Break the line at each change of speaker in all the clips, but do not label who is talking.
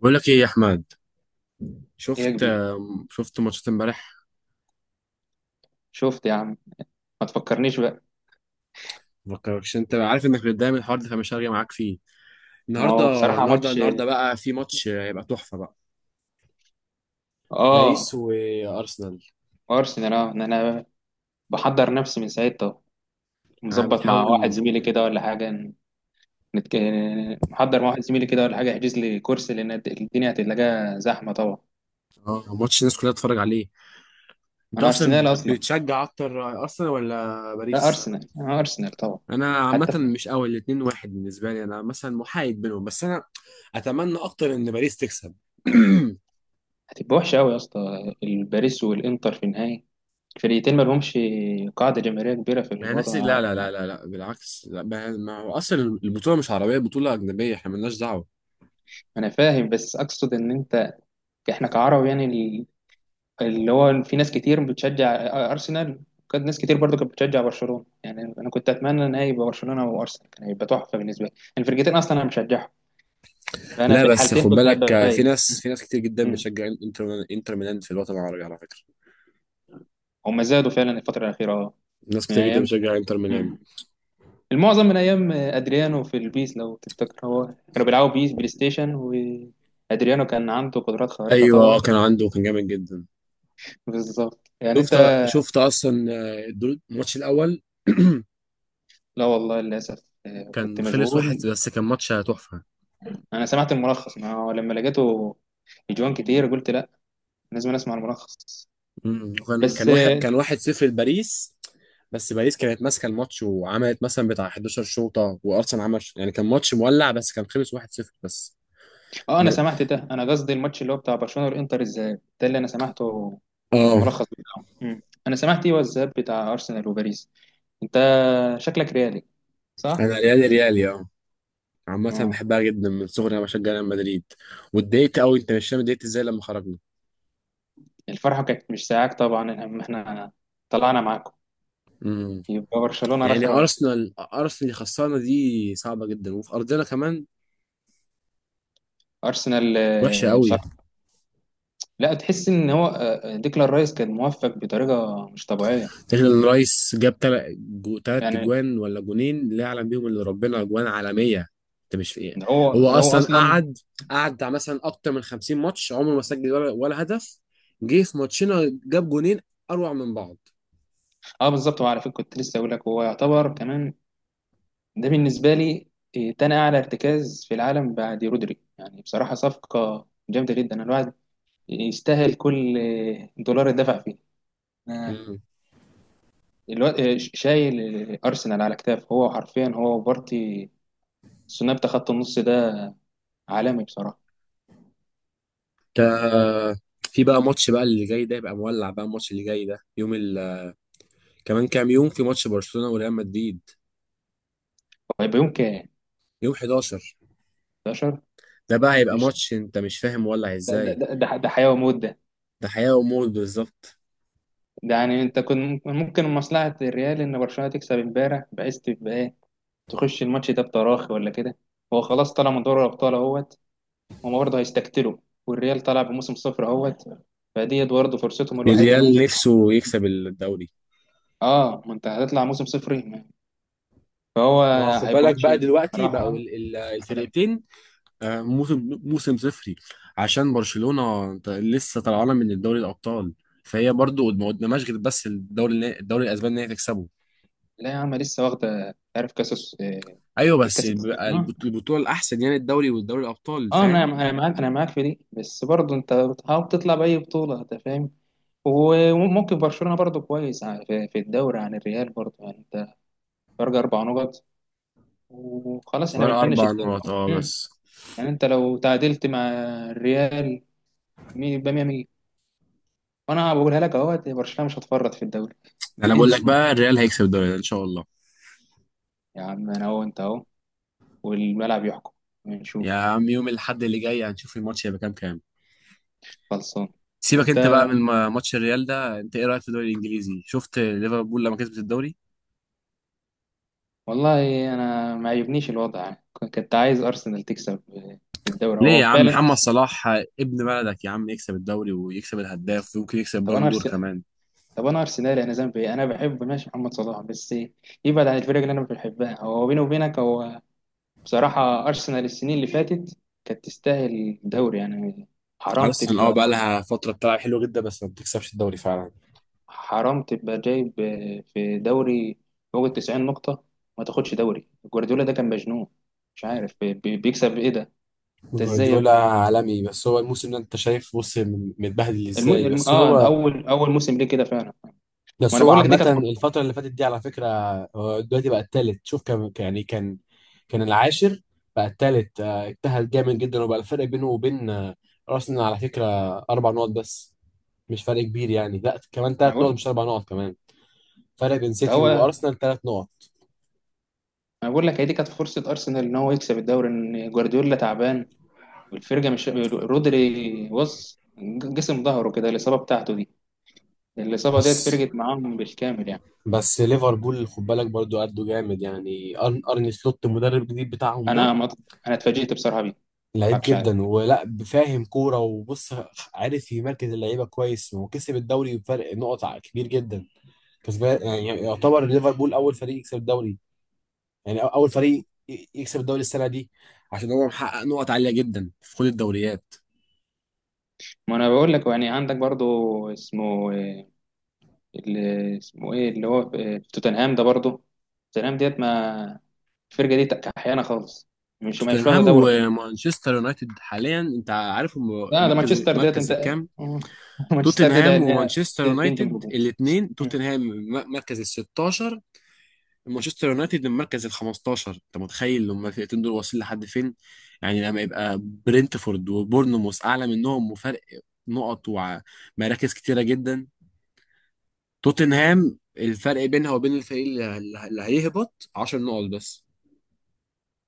بقول لك ايه يا احمد؟
ايه يا كبير،
شفت ماتشات امبارح.
شفت يا عم. ما تفكرنيش بقى.
مفكركش، انت عارف انك بتتضايق من الحوار ده فمش هرجع معاك فيه
ما
النهارده.
هو بصراحة
النهارده
ماتش.
النهارده بقى في ماتش، هيبقى تحفه بقى. باريس
اه
وارسنال.
ارسنال اه انا بحضر نفسي من ساعتها،
انا
مظبط مع واحد
بتحاول.
زميلي كده ولا حاجة. نتك... محضر مع واحد زميلي كده ولا حاجة، يحجز لي كرسي لان الدنيا هتلاقيها زحمة طبعا.
اه، ماتش الناس كلها تتفرج عليه. انت
انا
اصلا
ارسنال اصلا.
بتشجع اكتر ارسنال ولا
لا
باريس؟
ارسنال، انا ارسنال طبعا.
انا عامه
حتى في...
مش قوي، الاتنين واحد بالنسبه لي، انا مثلا محايد بينهم، بس انا اتمنى اكتر ان باريس تكسب.
هتبقى وحشة قوي يا اسطى الباريس والانتر في النهاية. الفريقين ما لهمش قاعدة جماهيرية كبيرة في
ما هي نفس،
الوطن
لا
العربي
لا لا
يعني.
لا لا، بالعكس، لا، ما هو اصلا البطوله مش عربيه، بطوله اجنبيه، احنا مالناش دعوه.
انا فاهم بس اقصد ان انت، احنا كعرب يعني، اللي هو في ناس كتير بتشجع ارسنال، وكانت ناس كتير برضو كانت بتشجع برشلونه، يعني انا كنت اتمنى ان هي يبقى برشلونه وارسنال، كان هيبقى تحفه بالنسبه لي. الفرقتين اصلا انا بشجعهم، فانا
لا
في
بس
الحالتين
خد
كنت
بالك،
هبقى
في
فايز.
ناس في ناس كتير جدا
مم.
بتشجع انتر ميلان في الوطن العربي على فكره.
هم زادوا فعلا الفتره الاخيره اه.
ناس
من
كتير جدا
ايام،
بتشجع انتر ميلان.
مم، المعظم من ايام ادريانو في البيس لو تفتكر، هو كانوا بيلعبوا بيس بلاي ستيشن، وادريانو كان عنده قدرات خارقه
ايوه،
طبعا.
كان عنده، كان جامد جدا.
بالظبط يعني
شفت
انت،
شفت اصلا، الماتش الاول.
لا والله للاسف، كنت
كان خلص واحد
مشغول.
بس، كان ماتش تحفه.
انا سمعت الملخص، ما هو لما لقيته اجوان كتير قلت لا، لازم اسمع الملخص.
مم. وكان كان
بس
واحد
اه،
كان 1-0 لباريس. بس باريس كانت ماسكه الماتش، وعملت مثلا بتاع 11 شوطه، وارسنال عمل يعني كان ماتش مولع، بس كان خلص 1-0 بس.
انا
ب-
سمعت ده. انا قصدي الماتش اللي هو بتاع برشلونه والانتر، الذهاب ده اللي انا سمعته،
اه،
الملخص بتاعه. مم. انا سمعت ايه، هو الذهاب بتاع ارسنال وباريس. انت شكلك ريالي صح؟
انا ريالي ريالي اه. عامة
اه.
بحبها جدا من صغري، انا بشجع ريال مدريد. واتضايقت قوي، انت مش فاهم اتضايقت ازاي لما خرجنا.
الفرحه كانت مش ساعاك طبعا، اما احنا طلعنا معاكم
امم.
يبقى برشلونه
يعني
رخره.
ارسنال، اللي خسرنا دي صعبة جدا، وفي ارضنا كمان.
ارسنال
وحشة قوي.
بصراحه لا، تحس ان هو ديكلان رايس كان موفق بطريقه مش طبيعيه
الرايس جاب 3
يعني.
اجوان ولا جونين، لا يعلم بيهم الا ربنا، اجوان عالميه. انت مش في ايه.
ده هو
هو
ده هو
اصلا
اصلا.
قعد بتاع مثلا اكتر من 50 ماتش عمره ما سجل ولا هدف. جه في ماتشنا جاب جونين، اروع من بعض.
اه بالظبط، وعلى فكره كنت لسه اقول لك، هو يعتبر كمان، ده بالنسبه لي، تاني اعلى ارتكاز في العالم بعد رودري يعني. بصراحه صفقه جامده جدا. الواحد يستاهل كل دولار اتدفع فيه. أنا
امم.
الواد شايل ارسنال على كتاف، هو حرفيا هو وبارتي، الثنائي بتاع خط النص ده عالمي بصراحه.
تا- في بقى ماتش بقى اللي جاي ده يبقى مولع بقى، الماتش اللي جاي ده يوم ال... كمان كام يوم في ماتش برشلونه وريال مدريد،
هيبقى يوم كام؟
يوم 11.
11؟
ده بقى هيبقى
قشطه.
ماتش انت مش فاهم مولع
ده ده
ازاي.
ده ده ده حياه وموت ده.
ده حياه وموت بالظبط.
ده يعني انت كنت ممكن مصلحه الريال ان برشلونه تكسب امبارح، بحيث تبقى تخش الماتش ده بتراخي ولا كده. هو خلاص طلع من دوري الابطال اهوت، هما برضه هيستقتلوا. والريال طلع بموسم صفر اهوت، فديت برضه فرصتهم الوحيده انا
الريال
ممكن.
نفسه يكسب الدوري.
اه ما انت هتطلع موسم صفر، فهو
ما هو خد
هيبقى
بالك
ماتش
بقى دلوقتي بقوا
صراحه عالمي.
الفرقتين. موسم صفري. عشان برشلونة لسه طالعانة من الدوري الأبطال. فهي برضو ما قدامهاش غير بس الدوري، الدوري الأسباني إن هي تكسبه.
لا يا عم لسه واخده، عارف،
أيوه، بس
كاس
بقى
السنة. اه.
البطولة الأحسن يعني الدوري والدوري الأبطال،
انا
فاهم.
انا معاك في دي، بس برضه انت بتحاول تطلع باي بطوله، انت فاهم. وممكن برشلونه برضه كويس، في في الدوري عن الريال برضه، يعني انت فرق 4 نقط وخلاص احنا
فرق
بنفنش
4
الدوري
نقط
أهو.
أه
مم.
بس.
يعني انت لو تعادلت مع الريال يبقى 100 100، وانا بقولها لك اهو، برشلونه مش هتفرط في الدوري.
أنا بقول لك
انسى
بقى الريال هيكسب الدوري ده إن شاء الله.
يا عم. انا اهو، انت اهو، والملعب يحكم.
يا
نشوف.
عم، يوم الأحد اللي جاي هنشوف الماتش هيبقى كام كام.
خلصان
سيبك أنت
انت.
بقى من ماتش الريال ده، أنت إيه رأيك في الدوري الإنجليزي؟ شفت ليفربول لما كسبت الدوري؟
والله انا ما عجبنيش الوضع، يعني كنت عايز ارسنال تكسب في الدوري
ليه
هو
يا عم؟
فعلا.
محمد صلاح ابن بلدك يا عم يكسب الدوري ويكسب الهداف، ويمكن يكسب
طب انا
بالون دور
ارسنال،
كمان.
طب انا ارسنالي، انا ذنبي ايه؟ انا بحب ماشي محمد صلاح، بس إيه؟ يبعد عن الفرق اللي انا مش بحبها. هو بيني وبينك، هو بصراحة أرسنال السنين اللي فاتت كانت تستاهل دوري يعني. حرام
ارسنال اه
تبقى،
بقى لها فتره بتلعب حلوه جدا، بس ما بتكسبش الدوري فعلا.
حرام تبقى جايب في دوري فوق ال90 نقطة ما تاخدش دوري. جوارديولا ده كان مجنون، مش عارف بيكسب إيه ده. أنت إزاي يا
جوارديولا
ابني؟
عالمي، بس هو الموسم ده انت شايف بص متبهدل
الم...
ازاي.
الم...
بس
آه
هو
أول أول موسم ليه كده فعلا. ما
بس
أنا
هو
بقول لك دي
عامه
كانت فرصة.
الفتره اللي فاتت دي على فكره، هو دلوقتي بقى التالت. شوف، كان يعني كان كان العاشر، بقى التالت. اجتهد جامد جدا، وبقى الفرق بينه وبين ارسنال على فكره اربع نقط بس. مش فرق كبير يعني. لا كمان
أنا
3 نقط
بقول
مش 4 نقط كمان. فرق بين
ده
سيتي
هو.
وارسنال 3 نقط.
أنا بقول لك، هي دي كانت فرصة أرسنال إن هو يكسب الدوري، إن جوارديولا تعبان والفرقة مش رودري. بص، جسم ظهره كده، الإصابة بتاعته دي، الإصابة ديت
بس.
فرقت معاهم بالكامل يعني.
بس ليفربول خد بالك برضو قدوا جامد يعني، أرني سلوت المدرب الجديد بتاعهم ده
أنا مط... أنا اتفاجئت بصراحة بيه،
لعيب
مضحكش عليك.
جدا، ولا فاهم كوره. وبص، عارف يمركز اللعيبه كويس، وكسب الدوري بفرق نقط كبير جدا. كسبان يعني، يعتبر ليفربول اول فريق يكسب الدوري، يعني اول فريق يكسب الدوري السنه دي، عشان هو محقق نقط عاليه جدا في كل الدوريات.
ما أنا بقول لك يعني، عندك برضو اسمه، اللي اسمه إيه، اللي هو في في توتنهام ده برضو. توتنهام ديت ما، الفرقة دي كحيانة خالص، مش واخدة
توتنهام
دوري خالص.
ومانشستر يونايتد حاليا انت عارف هم
لا ده
مركز
مانشستر ديت
مركز
أنت.
الكام.
مانشستر ديت
توتنهام
إن
ومانشستر
هي تنجم
يونايتد
هجوم.
الاثنين، توتنهام مركز ال 16، مانشستر يونايتد من مركز ال 15. انت متخيل لما الفرقتين دول واصلين لحد فين. يعني لما يبقى برينتفورد وبورنموث اعلى منهم، وفرق نقط ومراكز كتيره جدا. توتنهام الفرق بينها وبين الفريق اللي هيهبط 10 نقط بس.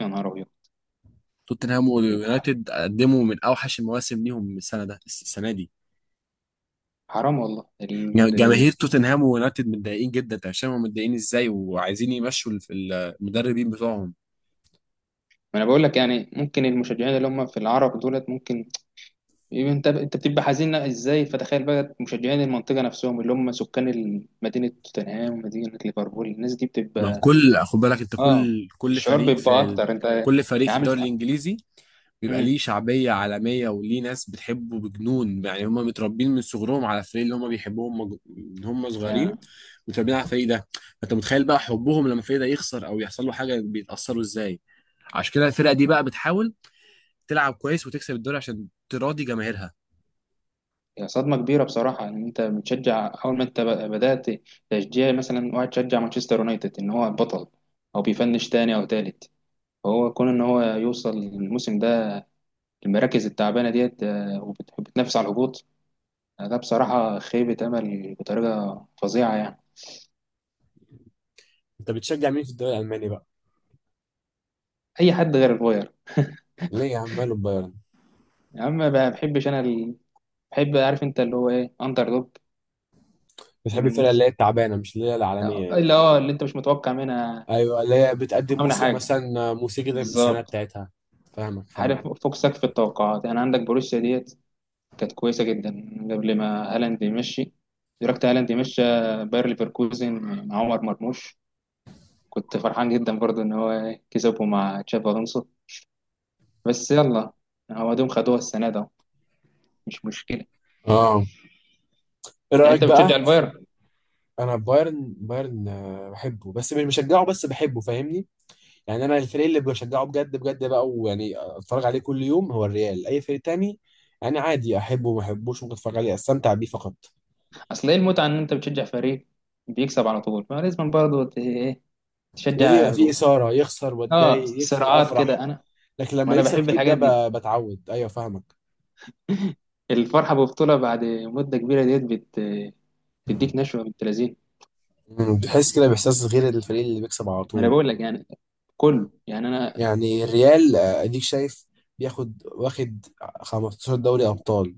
يا نهار أبيض.
توتنهام ويونايتد قدموا من اوحش المواسم ليهم السنه دي.
حرام والله
جماهير توتنهام ويونايتد متضايقين جدا، انت مش فاهم هم متضايقين ازاي، وعايزين يمشوا المدربين بتوعهم.
ما أنا بقول لك يعني، ممكن المشجعين اللي هم في العرب دولت، ممكن يبقى انت بتبقى حزين ازاي، فتخيل بقى مشجعين المنطقه نفسهم، اللي هم سكان مدينه توتنهام ومدينه ليفربول، الناس دي
ما هو
بتبقى
كل خد بالك، انت
اه،
كل
الشعور
فريق في
بيبقى
ال...
اكتر. انت
كل فريق في
عامل
الدوري الانجليزي بيبقى
امم.
ليه شعبيه عالميه، وليه ناس بتحبه بجنون. يعني هم متربين من صغرهم على الفريق اللي هم بيحبوهم، من هم صغيرين
انا،
متربين على الفريق ده. انت متخيل بقى حبهم لما الفريق ده يخسر او يحصل له حاجه بيتاثروا ازاي. عشان كده الفرقه دي بقى بتحاول تلعب كويس وتكسب الدوري عشان تراضي جماهيرها.
هي صدمه كبيره بصراحه ان انت بتشجع، اول ما انت بدات تشجيع مثلا، واحد شجع مانشستر يونايتد ان هو البطل او بيفنش تاني او تالت، فهو كون ان هو يوصل الموسم ده المراكز التعبانه ديت، وبتنافس على الهبوط، ده بصراحه خيبه امل بطريقه فظيعه يعني.
انت بتشجع مين في الدوري الالماني بقى؟
اي حد غير الفاير.
ليه يا عم؟ ماله البايرن.
يا عم ما بحبش انا بحب، عارف انت، اللي هو ايه، اندر دوج،
بتحب الفرقه
الناس
اللي هي التعبانه، مش اللي هي العالميه يعني.
اللي اه، اللي انت مش متوقع منها
ايوه، اللي هي بتقدم
متوقع منها
موسم
حاجه،
مثلا موسيقي جدا في السنه
بالظبط.
بتاعتها. فاهمك
عارف،
فاهمك.
فوق سقف التوقعات يعني. عندك بروسيا ديت كانت كويسه جدا قبل ما هالاند يمشي، دركت هالاند يمشي. باير ليفركوزن مع عمر مرموش، كنت فرحان جدا برضو ان هو كسبه مع تشابي الونسو. بس يلا، هو دوم خدوها السنه ده، مش مشكله.
اه، ايه
يعني
رايك
انت بتشجع
بقى.
البايرن؟
انا بايرن بحبه بس مش بشجعه، بس بحبه فاهمني. يعني انا الفريق اللي بشجعه بجد بجد بقى، ويعني اتفرج عليه كل يوم، هو الريال. اي فريق تاني انا عادي، احبه وما احبوش، ممكن اتفرج عليه استمتع بيه فقط.
اصل ايه المتعه ان انت بتشجع فريق بيكسب على طول؟ فلازم برضه ايه
لازم
تشجع.
يبقى فيه اثاره، يخسر
اه
واتضايق، يكسب
صراعات
افرح.
كده، انا
لكن
ما
لما
انا
يكسب
بحب
كتير ده
الحاجات دي.
بتعود، ايوه فاهمك.
الفرحه ببطوله بعد مده كبيره ديت بتديك نشوه بنت لذينه.
بتحس كده باحساس غير الفريق اللي بيكسب على
ما انا
طول.
بقول لك يعني، كله يعني انا.
يعني الريال اديك شايف بياخد واخد 15 دوري ابطال.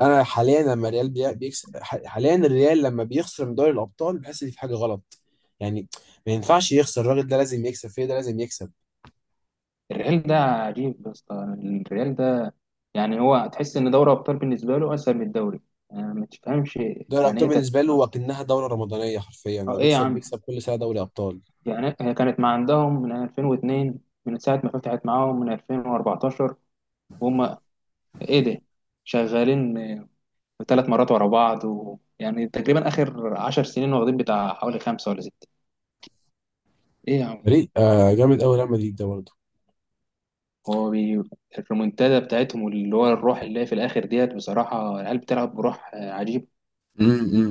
انا حاليا لما الريال بيكسب، حاليا الريال لما بيخسر من دوري الابطال بحس ان في حاجه غلط. يعني ما ينفعش يخسر، الراجل ده لازم يكسب، فيه ده لازم يكسب.
الريال ده عجيب يا اسطى، الريال ده يعني، هو تحس ان دوري ابطال بالنسبه له اسهل من الدوري، يعني ما تفهمش.
دوري
يعني
الابطال
ايه تت...
بالنسبه له وكأنها دوره رمضانيه حرفيا، هو
آه، ايه يا
بيكسب
عم،
بيكسب كل سنه دوري ابطال.
يعني هي كانت مع عندهم من 2002، من ساعه ما فتحت معاهم من 2014، وهم ايه ده، شغالين 3 مرات ورا بعض و... يعني تقريبا اخر 10 سنين واخدين بتاع حوالي خمسة ولا ستة. ايه يا عم.
فريق جامد قوي ريال مدريد ده برضه.
هو بي... الريمونتادا بتاعتهم اللي هو الروح اللي هي في الاخر ديت، بصراحة العيال بتلعب بروح عجيب.
امم.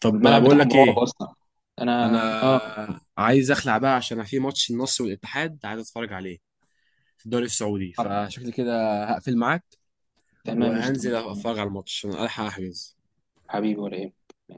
طب
والملعب
بقول
بتاعهم
لك
رعب
ايه،
اصلا. انا اه،
انا عايز اخلع بقى عشان في ماتش النصر والاتحاد عايز اتفرج عليه في الدوري السعودي.
آه،
فشكلي كده هقفل معاك
تمام مش
وهنزل
تمام
اتفرج على الماتش عشان الحق احجز.
حبيبي ولا ايه؟